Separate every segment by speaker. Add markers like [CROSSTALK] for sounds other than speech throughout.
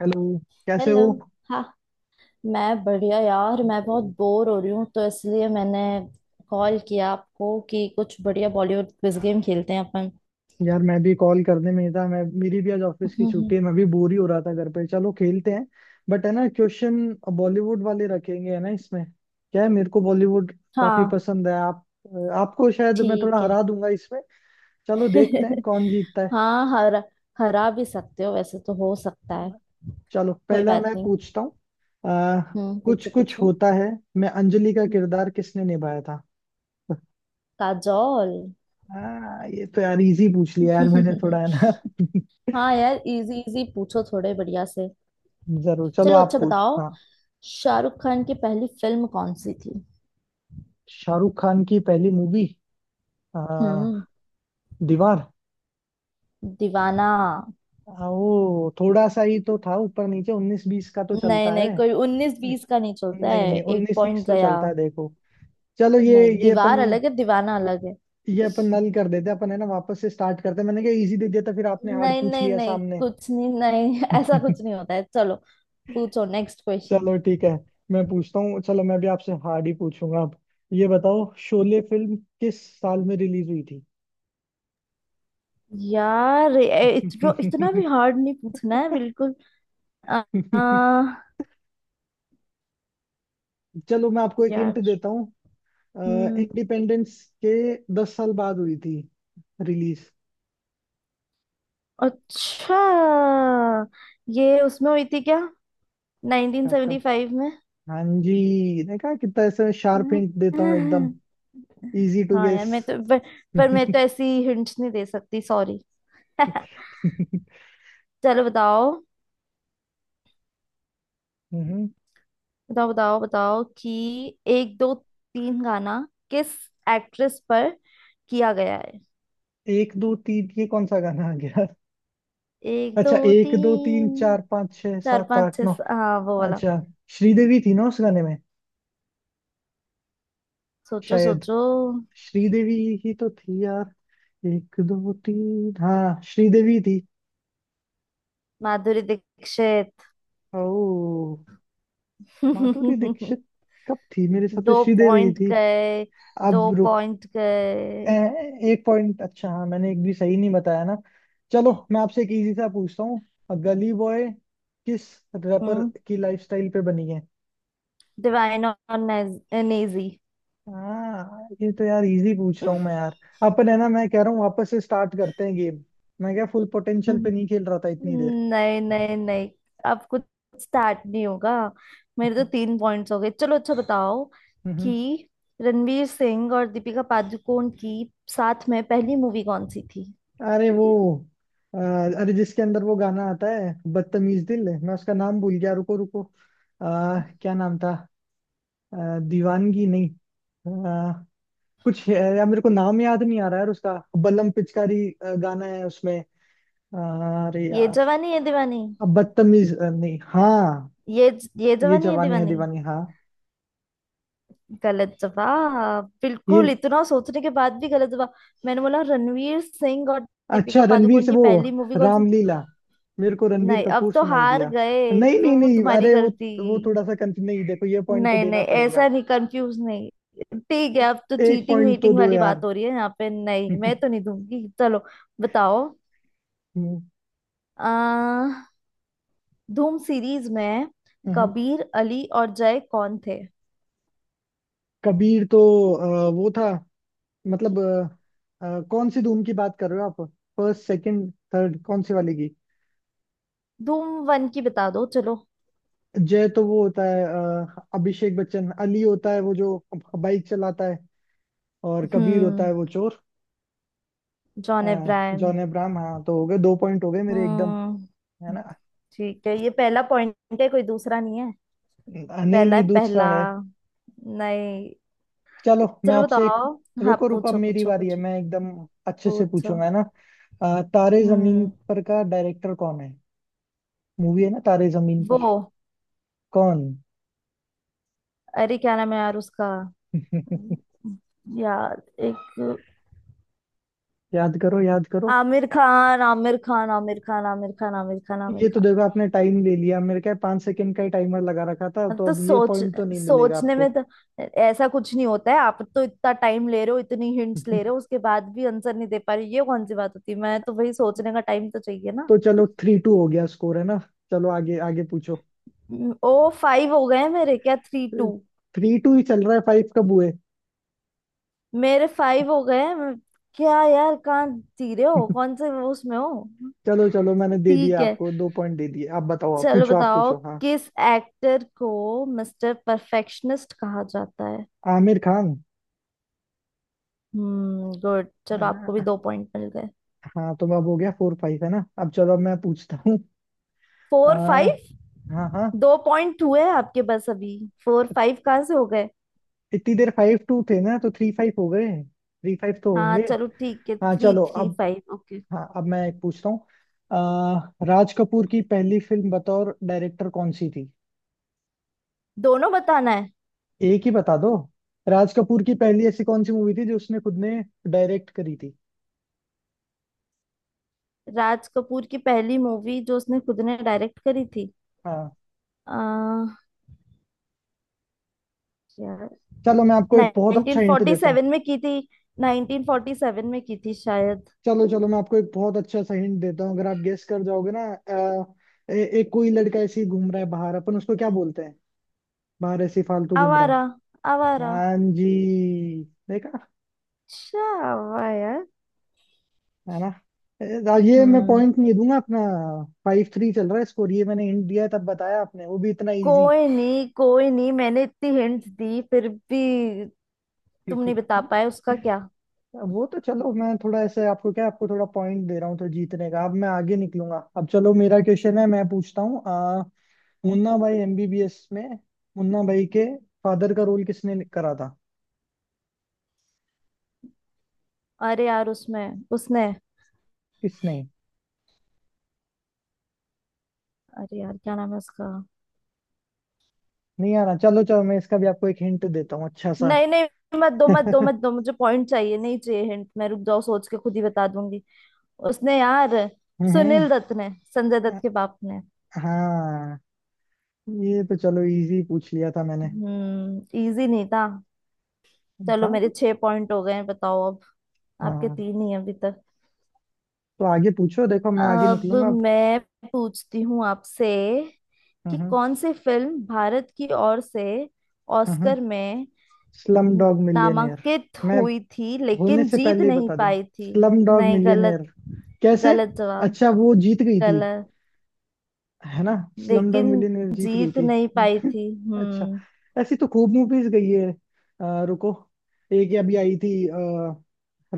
Speaker 1: Hello. कैसे
Speaker 2: hello.
Speaker 1: हो?
Speaker 2: हाँ, मैं बढ़िया यार। मैं बहुत बोर हो रही हूँ तो इसलिए मैंने कॉल किया आपको कि कुछ बढ़िया बॉलीवुड क्विज गेम खेलते हैं अपन।
Speaker 1: यार मैं भी कॉल करने में ही था। मैं, मेरी भी आज
Speaker 2: [LAUGHS]
Speaker 1: ऑफिस की
Speaker 2: हम्म,
Speaker 1: छुट्टी
Speaker 2: हम्म,
Speaker 1: है। मैं भी बोर ही हो रहा था घर पे। चलो खेलते हैं। बट है ना, क्वेश्चन बॉलीवुड वाले रखेंगे है ना। इसमें क्या है, मेरे को बॉलीवुड काफी
Speaker 2: हाँ,
Speaker 1: पसंद है। आप, आपको शायद मैं थोड़ा
Speaker 2: ठीक है।
Speaker 1: हरा दूंगा इसमें। चलो देखते हैं
Speaker 2: [LAUGHS]
Speaker 1: कौन जीतता है।
Speaker 2: हाँ, हरा हरा भी सकते हो वैसे तो, हो सकता
Speaker 1: है
Speaker 2: है।
Speaker 1: ना? चलो
Speaker 2: कोई
Speaker 1: पहला
Speaker 2: बात
Speaker 1: मैं
Speaker 2: नहीं।
Speaker 1: पूछता हूँ। आ, कुछ
Speaker 2: पूछो
Speaker 1: कुछ
Speaker 2: पूछो।
Speaker 1: होता है। मैं, अंजलि का
Speaker 2: हम्म,
Speaker 1: किरदार किसने निभाया था? [LAUGHS]
Speaker 2: काजोल।
Speaker 1: ये तो यार इजी पूछ लिया यार मैंने, थोड़ा है ना।
Speaker 2: [LAUGHS]
Speaker 1: [LAUGHS]
Speaker 2: हाँ यार, इजी इजी पूछो थोड़े बढ़िया से।
Speaker 1: जरूर, चलो
Speaker 2: चलो
Speaker 1: आप
Speaker 2: अच्छा
Speaker 1: पूछ,
Speaker 2: बताओ।
Speaker 1: हाँ।
Speaker 2: शाहरुख खान की पहली फिल्म कौन सी थी?
Speaker 1: शाहरुख खान की पहली मूवी।
Speaker 2: हम्म
Speaker 1: दीवार।
Speaker 2: दीवाना।
Speaker 1: वो थोड़ा सा ही तो था, ऊपर नीचे उन्नीस बीस का तो
Speaker 2: नहीं
Speaker 1: चलता है।
Speaker 2: नहीं, कोई उन्नीस
Speaker 1: न-
Speaker 2: बीस का नहीं चलता
Speaker 1: नहीं
Speaker 2: है।
Speaker 1: नहीं,
Speaker 2: एक
Speaker 1: उन्नीस
Speaker 2: पॉइंट
Speaker 1: बीस तो
Speaker 2: गया।
Speaker 1: चलता है, देखो। चलो
Speaker 2: नहीं,
Speaker 1: ये
Speaker 2: दीवार
Speaker 1: अपन
Speaker 2: अलग है, दीवाना अलग है।
Speaker 1: ये अपन नल कर देते हैं अपन, है ना। वापस से स्टार्ट करते हैं। मैंने कहा इजी दे दिया था, फिर आपने हार्ड
Speaker 2: नहीं
Speaker 1: पूछ
Speaker 2: नहीं
Speaker 1: लिया
Speaker 2: नहीं,
Speaker 1: सामने।
Speaker 2: कुछ नहीं नहीं [LAUGHS] ऐसा कुछ
Speaker 1: [LAUGHS]
Speaker 2: नहीं होता है। चलो, पूछो नेक्स्ट क्वेश्चन।
Speaker 1: चलो ठीक है। मैं पूछता हूँ। चलो मैं भी आपसे हार्ड ही पूछूंगा अब। ये बताओ शोले फिल्म किस साल में रिलीज हुई
Speaker 2: यार, इतना इतना भी
Speaker 1: थी?
Speaker 2: हार्ड नहीं पूछना है बिल्कुल। आ,
Speaker 1: [LAUGHS]
Speaker 2: आ,
Speaker 1: चलो मैं आपको एक हिंट
Speaker 2: यार।
Speaker 1: देता हूँ।
Speaker 2: हम्म।
Speaker 1: इंडिपेंडेंस के 10 साल बाद हुई थी रिलीज।
Speaker 2: अच्छा, ये उसमें हुई थी क्या?
Speaker 1: कब कब?
Speaker 2: 1975 में?
Speaker 1: हाँ जी, देखा कितना ऐसे शार्प हिंट देता हूँ एकदम,
Speaker 2: [LAUGHS]
Speaker 1: इजी टू
Speaker 2: हाँ यार,
Speaker 1: गेस।
Speaker 2: मैं तो पर मैं तो ऐसी हिंट्स नहीं दे सकती, सॉरी। [LAUGHS]
Speaker 1: [LAUGHS]
Speaker 2: चलो बताओ बताओ बताओ बताओ कि एक दो तीन गाना किस एक्ट्रेस पर किया गया है?
Speaker 1: एक दो तीन, ये कौन सा गाना आ गया?
Speaker 2: एक दो
Speaker 1: अच्छा, एक दो तीन
Speaker 2: तीन
Speaker 1: चार पाँच छह
Speaker 2: चार
Speaker 1: सात आठ
Speaker 2: पाँच छह
Speaker 1: नौ।
Speaker 2: हाँ वो वाला।
Speaker 1: अच्छा, श्रीदेवी थी ना उस गाने में?
Speaker 2: सोचो
Speaker 1: शायद
Speaker 2: सोचो।
Speaker 1: श्रीदेवी ही तो थी यार। एक दो तीन, हाँ श्रीदेवी थी।
Speaker 2: माधुरी दीक्षित।
Speaker 1: ओ, माधुरी
Speaker 2: [LAUGHS]
Speaker 1: दीक्षित? कब थी? मेरे हिसाब
Speaker 2: दो
Speaker 1: से श्रीदेवी ही
Speaker 2: पॉइंट
Speaker 1: थी।
Speaker 2: गए। दो
Speaker 1: अब रुक।
Speaker 2: पॉइंट गए।
Speaker 1: ए, 1 पॉइंट। अच्छा हाँ, मैंने एक भी सही नहीं बताया ना। चलो मैं आपसे एक इजी सा पूछता हूँ। गली बॉय किस रैपर
Speaker 2: हम्म
Speaker 1: की लाइफस्टाइल पे बनी है?
Speaker 2: डिवाइन और नेजी।
Speaker 1: हाँ, ये तो यार इजी पूछ रहा हूँ मैं यार। अपन है ना, मैं कह रहा हूँ वापस से स्टार्ट करते हैं गेम। मैं क्या फुल पोटेंशियल पे
Speaker 2: [LAUGHS]
Speaker 1: नहीं खेल रहा था इतनी देर।
Speaker 2: नहीं नहीं नहीं, अब कुछ स्टार्ट नहीं होगा। मेरे तो तीन पॉइंट्स हो गए। चलो अच्छा बताओ
Speaker 1: [LAUGHS]
Speaker 2: कि रणवीर सिंह और दीपिका पादुकोण की साथ में पहली मूवी कौन सी थी?
Speaker 1: अरे वो, अ, अरे जिसके अंदर वो गाना आता है बदतमीज दिल। मैं उसका नाम भूल गया, रुको रुको। क्या नाम था? दीवानगी नहीं। अ, कुछ है, यार मेरे को नाम याद नहीं आ रहा है उसका। बलम पिचकारी गाना है उसमें। अरे
Speaker 2: ये
Speaker 1: यार।
Speaker 2: जवानी है दीवानी।
Speaker 1: अब बदतमीज नहीं, हाँ।
Speaker 2: ये ये
Speaker 1: ये
Speaker 2: जवानी है
Speaker 1: जवानी है
Speaker 2: दीवानी।
Speaker 1: दीवानी, हाँ।
Speaker 2: गलत जवाब बिल्कुल।
Speaker 1: ये,
Speaker 2: इतना सोचने के बाद भी गलत जवाब। मैंने बोला रणवीर सिंह और दीपिका
Speaker 1: अच्छा रणवीर
Speaker 2: पादुकोण
Speaker 1: से
Speaker 2: की
Speaker 1: वो
Speaker 2: पहली मूवी कौन सी?
Speaker 1: रामलीला। मेरे को रणवीर
Speaker 2: नहीं, अब
Speaker 1: कपूर
Speaker 2: तो
Speaker 1: सुनाई
Speaker 2: हार
Speaker 1: दिया।
Speaker 2: गए
Speaker 1: नहीं
Speaker 2: तो
Speaker 1: नहीं
Speaker 2: वो
Speaker 1: नहीं,
Speaker 2: तुम्हारी
Speaker 1: अरे वो
Speaker 2: गलती।
Speaker 1: वो थोड़ा सा कंफ्यूज। नहीं देखो, ये पॉइंट तो
Speaker 2: नहीं
Speaker 1: देना
Speaker 2: नहीं,
Speaker 1: पड़ेगा।
Speaker 2: ऐसा नहीं, कंफ्यूज नहीं। ठीक है, अब तो
Speaker 1: एक
Speaker 2: चीटिंग
Speaker 1: पॉइंट तो
Speaker 2: वीटिंग
Speaker 1: दो
Speaker 2: वाली
Speaker 1: यार।
Speaker 2: बात हो रही है यहाँ पे।
Speaker 1: [LAUGHS]
Speaker 2: नहीं,
Speaker 1: हम्म,
Speaker 2: मैं तो नहीं दूंगी। चलो, बताओ। आ, धूम सीरीज में
Speaker 1: हम्म।
Speaker 2: कबीर अली और जय कौन थे?
Speaker 1: कबीर तो वो था, मतलब कौन सी धूम की बात कर रहे हो आप? फर्स्ट, सेकंड, थर्ड, कौन सी वाली की?
Speaker 2: धूम वन की बता दो चलो।
Speaker 1: जय तो वो होता है अभिषेक बच्चन। अली होता है वो जो बाइक चलाता है। और कबीर होता
Speaker 2: हम्म
Speaker 1: है वो चोर। अ,
Speaker 2: जॉन अब्राहम।
Speaker 1: जॉन अब्राहम। हाँ, तो हो गए, 2 पॉइंट हो गए मेरे एकदम।
Speaker 2: हम्म
Speaker 1: है ना?
Speaker 2: ठीक है, ये पहला पॉइंट है, कोई दूसरा नहीं है।
Speaker 1: नहीं
Speaker 2: पहला
Speaker 1: नहीं,
Speaker 2: है,
Speaker 1: दूसरा
Speaker 2: पहला।
Speaker 1: है।
Speaker 2: नहीं।
Speaker 1: चलो मैं
Speaker 2: चलो
Speaker 1: आपसे एक,
Speaker 2: बताओ। हाँ,
Speaker 1: रुको रुको, अब
Speaker 2: पूछो
Speaker 1: मेरी
Speaker 2: पूछो
Speaker 1: बारी है।
Speaker 2: पूछो
Speaker 1: मैं एकदम अच्छे से
Speaker 2: पूछो।
Speaker 1: पूछूंगा, है ना। तारे जमीन
Speaker 2: हम्म
Speaker 1: पर का डायरेक्टर कौन है? मूवी है ना, तारे जमीन पर।
Speaker 2: वो,
Speaker 1: कौन?
Speaker 2: अरे क्या नाम है यार उसका?
Speaker 1: [LAUGHS]
Speaker 2: यार, एक...
Speaker 1: याद करो याद करो।
Speaker 2: आमिर खान, आमिर खान, आमिर खान, आमिर खान, आमिर खान, आमिर
Speaker 1: ये तो
Speaker 2: खान।
Speaker 1: देखो, आपने टाइम ले लिया। मेरे क्या 5 सेकंड का ही टाइमर लगा रखा था,
Speaker 2: हाँ,
Speaker 1: तो
Speaker 2: तो
Speaker 1: अब ये पॉइंट तो नहीं मिलेगा
Speaker 2: सोचने
Speaker 1: आपको।
Speaker 2: में तो
Speaker 1: [LAUGHS]
Speaker 2: ऐसा कुछ नहीं होता है। आप तो इतना टाइम ले रहे हो, इतनी हिंट्स ले रहे हो, उसके बाद भी आंसर नहीं दे पा रहे, ये कौन सी बात होती है? मैं तो वही, सोचने का टाइम तो चाहिए ना।
Speaker 1: तो चलो 3-2 हो गया स्कोर, है ना। चलो आगे आगे पूछो।
Speaker 2: ओ, फाइव हो गए हैं मेरे। क्या थ्री टू?
Speaker 1: 3-2 ही चल रहा है, फाइव कब हुए?
Speaker 2: मेरे फाइव हो गए हैं। क्या यार, कहाँ जी रहे हो
Speaker 1: [LAUGHS]
Speaker 2: कौन से वो उसमें हो?
Speaker 1: चलो चलो, मैंने दे
Speaker 2: ठीक
Speaker 1: दिया
Speaker 2: है,
Speaker 1: आपको 2 पॉइंट दे दिए। आप बताओ, आप
Speaker 2: चलो
Speaker 1: पूछो आप
Speaker 2: बताओ,
Speaker 1: पूछो, हाँ।
Speaker 2: किस एक्टर को मिस्टर परफेक्शनिस्ट कहा जाता है?
Speaker 1: आमिर खान।
Speaker 2: गुड,
Speaker 1: है
Speaker 2: चलो आपको भी
Speaker 1: ना?
Speaker 2: दो पॉइंट मिल गए।
Speaker 1: हाँ, तो अब हो गया 4-5, है ना। अब चलो, अब मैं पूछता हूँ। आ,
Speaker 2: फोर फाइव?
Speaker 1: हाँ हाँ।
Speaker 2: दो पॉइंट हुए आपके बस अभी। फोर फाइव कहाँ से हो गए?
Speaker 1: इतनी देर 5-2 थे ना, तो 3-5 हो गए, 3-5 तो
Speaker 2: हाँ
Speaker 1: होंगे।
Speaker 2: चलो, ठीक है,
Speaker 1: हाँ,
Speaker 2: थ्री
Speaker 1: चलो
Speaker 2: थ्री
Speaker 1: अब।
Speaker 2: Five, okay.
Speaker 1: हाँ, अब मैं एक पूछता हूँ। आ, राज कपूर की पहली फिल्म बतौर डायरेक्टर कौन सी थी?
Speaker 2: दोनों बताना है?
Speaker 1: एक ही बता दो। राज कपूर की पहली ऐसी कौन सी मूवी थी जो उसने खुद ने डायरेक्ट करी थी?
Speaker 2: राज कपूर की पहली मूवी जो उसने खुद ने डायरेक्ट करी थी।
Speaker 1: हाँ।
Speaker 2: आ, यार,
Speaker 1: चलो मैं आपको एक बहुत अच्छा हिंट देता हूँ।
Speaker 2: 1947 में की थी। 1947 में की थी शायद।
Speaker 1: चलो चलो मैं आपको एक बहुत अच्छा सा हिंट देता हूँ। अगर आप गेस कर जाओगे ना, एक कोई लड़का ऐसे ही घूम रहा है बाहर, अपन उसको क्या बोलते हैं? बाहर ऐसे ही फालतू घूम रहा
Speaker 2: आवारा।
Speaker 1: है।
Speaker 2: आवारा।
Speaker 1: हाँ जी, देखा।
Speaker 2: अच्छा, वाह यार।
Speaker 1: है ना? ए, ये मैं
Speaker 2: हम्म
Speaker 1: पॉइंट नहीं दूंगा अपना। 5-3 चल रहा है स्कोर। ये मैंने हिंट दिया है, तब बताया आपने, वो भी इतना इजी।
Speaker 2: कोई नहीं, कोई नहीं, मैंने इतनी हिंट दी फिर भी तुम नहीं
Speaker 1: [LAUGHS]
Speaker 2: बता पाए उसका क्या?
Speaker 1: वो तो चलो, मैं थोड़ा ऐसे आपको क्या, आपको थोड़ा पॉइंट दे रहा हूँ तो जीतने का। अब मैं आगे निकलूंगा। अब चलो, मेरा क्वेश्चन है, मैं पूछता हूँ। मुन्ना भाई एमबीबीएस में मुन्ना भाई के फादर का रोल किसने करा था?
Speaker 2: अरे यार, उसमें उसने...
Speaker 1: किसने?
Speaker 2: अरे यार, क्या नाम है उसका?
Speaker 1: नहीं आ रहा। चलो चलो, मैं इसका भी आपको एक हिंट देता हूँ अच्छा सा।
Speaker 2: नहीं नहीं, मत दो मत दो
Speaker 1: [LAUGHS]
Speaker 2: मत दो, मुझे पॉइंट चाहिए, नहीं चाहिए हिंट। मैं... रुक जाओ, सोच के खुद ही बता दूंगी। उसने यार
Speaker 1: हम्म।
Speaker 2: सुनील दत्त ने, संजय दत्त के बाप ने।
Speaker 1: हाँ, ये तो चलो इजी पूछ लिया था मैंने।
Speaker 2: हम्म इजी नहीं था। चलो,
Speaker 1: था
Speaker 2: मेरे
Speaker 1: तो।
Speaker 2: छह पॉइंट हो गए हैं, बताओ अब। आपके
Speaker 1: हाँ,
Speaker 2: तीन ही हैं अभी तक।
Speaker 1: तो आगे पूछो। देखो मैं आगे
Speaker 2: अब
Speaker 1: निकलूंगा अब।
Speaker 2: मैं पूछती हूँ आपसे कि
Speaker 1: हम्म
Speaker 2: कौन सी फिल्म भारत की ओर से
Speaker 1: हम्म।
Speaker 2: ऑस्कर में
Speaker 1: स्लम डॉग मिलियनेयर।
Speaker 2: नामांकित
Speaker 1: मैं
Speaker 2: हुई थी
Speaker 1: होने
Speaker 2: लेकिन
Speaker 1: से
Speaker 2: जीत
Speaker 1: पहले ही
Speaker 2: नहीं
Speaker 1: बता दूं,
Speaker 2: पाई थी?
Speaker 1: स्लम डॉग
Speaker 2: नहीं, गलत।
Speaker 1: मिलियनेयर। कैसे?
Speaker 2: गलत जवाब।
Speaker 1: अच्छा, वो जीत गई थी,
Speaker 2: गलत।
Speaker 1: है ना। स्लम डॉग
Speaker 2: लेकिन
Speaker 1: मिलियनेयर जीत गई
Speaker 2: जीत
Speaker 1: थी।
Speaker 2: नहीं पाई
Speaker 1: [LAUGHS]
Speaker 2: थी।
Speaker 1: अच्छा,
Speaker 2: हम्म।
Speaker 1: ऐसी तो खूब मूवीज गई है। रुको। एक ये अभी आई थी,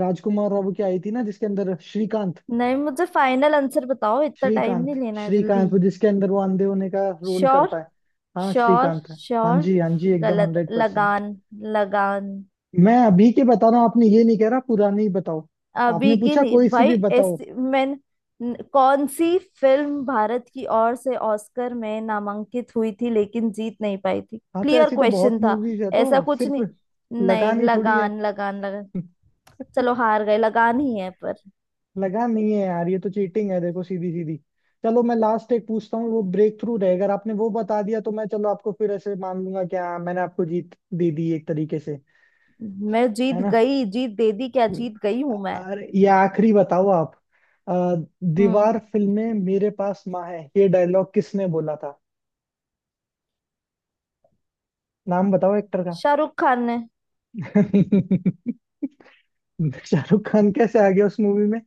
Speaker 1: राजकुमार राव की आई थी ना, जिसके अंदर श्रीकांत।
Speaker 2: नहीं, मुझे फाइनल आंसर बताओ, इतना टाइम
Speaker 1: श्रीकांत,
Speaker 2: नहीं लेना है, जल्दी।
Speaker 1: श्रीकांत, वो जिसके अंदर वो अंधे होने का रोल
Speaker 2: श्योर?
Speaker 1: करता है। हाँ
Speaker 2: श्योर?
Speaker 1: श्रीकांत है। हाँ
Speaker 2: श्योर?
Speaker 1: जी हाँ जी, एकदम
Speaker 2: गलत।
Speaker 1: 100%।
Speaker 2: लगान। लगान।
Speaker 1: मैं अभी के बता रहा हूँ, आपने ये नहीं कह रहा पुरानी बताओ। आपने पूछा
Speaker 2: बिगिनी
Speaker 1: कोई से
Speaker 2: भाई,
Speaker 1: भी बताओ।
Speaker 2: ऐसी मैं... कौन सी फिल्म भारत की ओर से ऑस्कर में नामांकित हुई थी लेकिन जीत नहीं पाई थी?
Speaker 1: हाँ तो
Speaker 2: क्लियर
Speaker 1: ऐसी तो बहुत
Speaker 2: क्वेश्चन था।
Speaker 1: मूवीज है,
Speaker 2: ऐसा
Speaker 1: तो
Speaker 2: कुछ
Speaker 1: सिर्फ
Speaker 2: नहीं। नहीं,
Speaker 1: लगानी थोड़ी है।
Speaker 2: लगान, लगान, लगान। चलो, हार गए। लगान ही है पर।
Speaker 1: लगान नहीं है यार, ये तो चीटिंग है, देखो सीधी सीधी। चलो मैं लास्ट एक पूछता हूँ, वो ब्रेक थ्रू रहेगा। अगर आपने वो बता दिया, तो मैं चलो आपको फिर ऐसे मान लूंगा कि हाँ, मैंने आपको जीत दे दी एक तरीके से।
Speaker 2: मैं
Speaker 1: है
Speaker 2: जीत
Speaker 1: ना?
Speaker 2: गई? जीत दे दी क्या? जीत गई हूं मैं।
Speaker 1: अरे, ये आखिरी बताओ आप। अ,
Speaker 2: हम्म।
Speaker 1: दीवार फिल्म में मेरे पास माँ है, ये डायलॉग किसने बोला था? नाम बताओ एक्टर का।
Speaker 2: शाहरुख खान ने।
Speaker 1: [LAUGHS] शाहरुख खान कैसे आ गया उस मूवी में?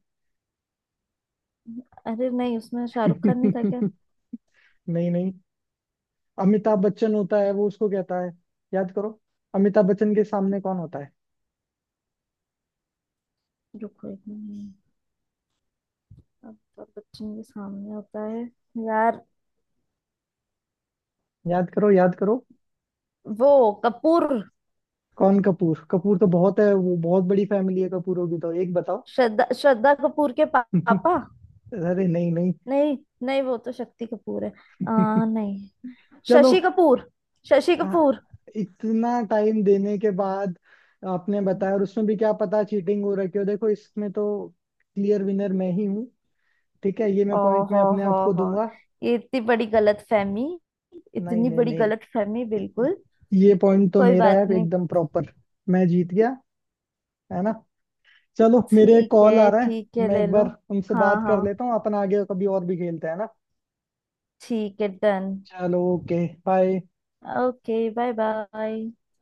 Speaker 2: अरे नहीं, उसमें शाहरुख खान नहीं था क्या?
Speaker 1: [LAUGHS] नहीं नहीं, अमिताभ बच्चन होता है, वो उसको कहता है। याद करो, अमिताभ बच्चन के सामने कौन होता है?
Speaker 2: रुको एक मिनट। अमिताभ बच्चन के सामने होता है यार,
Speaker 1: याद करो याद करो।
Speaker 2: वो... कपूर।
Speaker 1: कौन कपूर? कपूर तो बहुत है, वो बहुत बड़ी फैमिली है कपूरों की, तो एक बताओ।
Speaker 2: श्रद्धा श्रद्धा कपूर के
Speaker 1: [LAUGHS]
Speaker 2: पापा।
Speaker 1: अरे नहीं नहीं।
Speaker 2: नहीं नहीं, वो तो शक्ति कपूर है। नहीं,
Speaker 1: [LAUGHS] चलो।
Speaker 2: शशि कपूर, शशि
Speaker 1: आ,
Speaker 2: कपूर।
Speaker 1: इतना टाइम देने के बाद आपने बताया, और उसमें भी क्या पता चीटिंग हो रखी हो, देखो इसमें तो क्लियर विनर मैं ही हूँ। ठीक है, ये
Speaker 2: ओ
Speaker 1: मैं पॉइंट मैं अपने
Speaker 2: हो
Speaker 1: आप को
Speaker 2: हो
Speaker 1: दूंगा।
Speaker 2: ये इतनी बड़ी गलत फहमी,
Speaker 1: नहीं
Speaker 2: इतनी
Speaker 1: नहीं
Speaker 2: बड़ी
Speaker 1: नहीं,
Speaker 2: गलत फहमी बिल्कुल।
Speaker 1: ये पॉइंट तो
Speaker 2: कोई
Speaker 1: मेरा है
Speaker 2: बात नहीं।
Speaker 1: एकदम प्रॉपर। मैं जीत गया, है ना। चलो मेरे एक
Speaker 2: ठीक है
Speaker 1: कॉल आ रहा है।
Speaker 2: ठीक है,
Speaker 1: मैं
Speaker 2: ले
Speaker 1: एक
Speaker 2: लो।
Speaker 1: बार उनसे
Speaker 2: हाँ
Speaker 1: बात
Speaker 2: हाँ,
Speaker 1: कर लेता हूँ। अपन आगे कभी और भी खेलते हैं ना।
Speaker 2: ठीक है, डन।
Speaker 1: चलो, okay, bye.
Speaker 2: Okay, bye bye.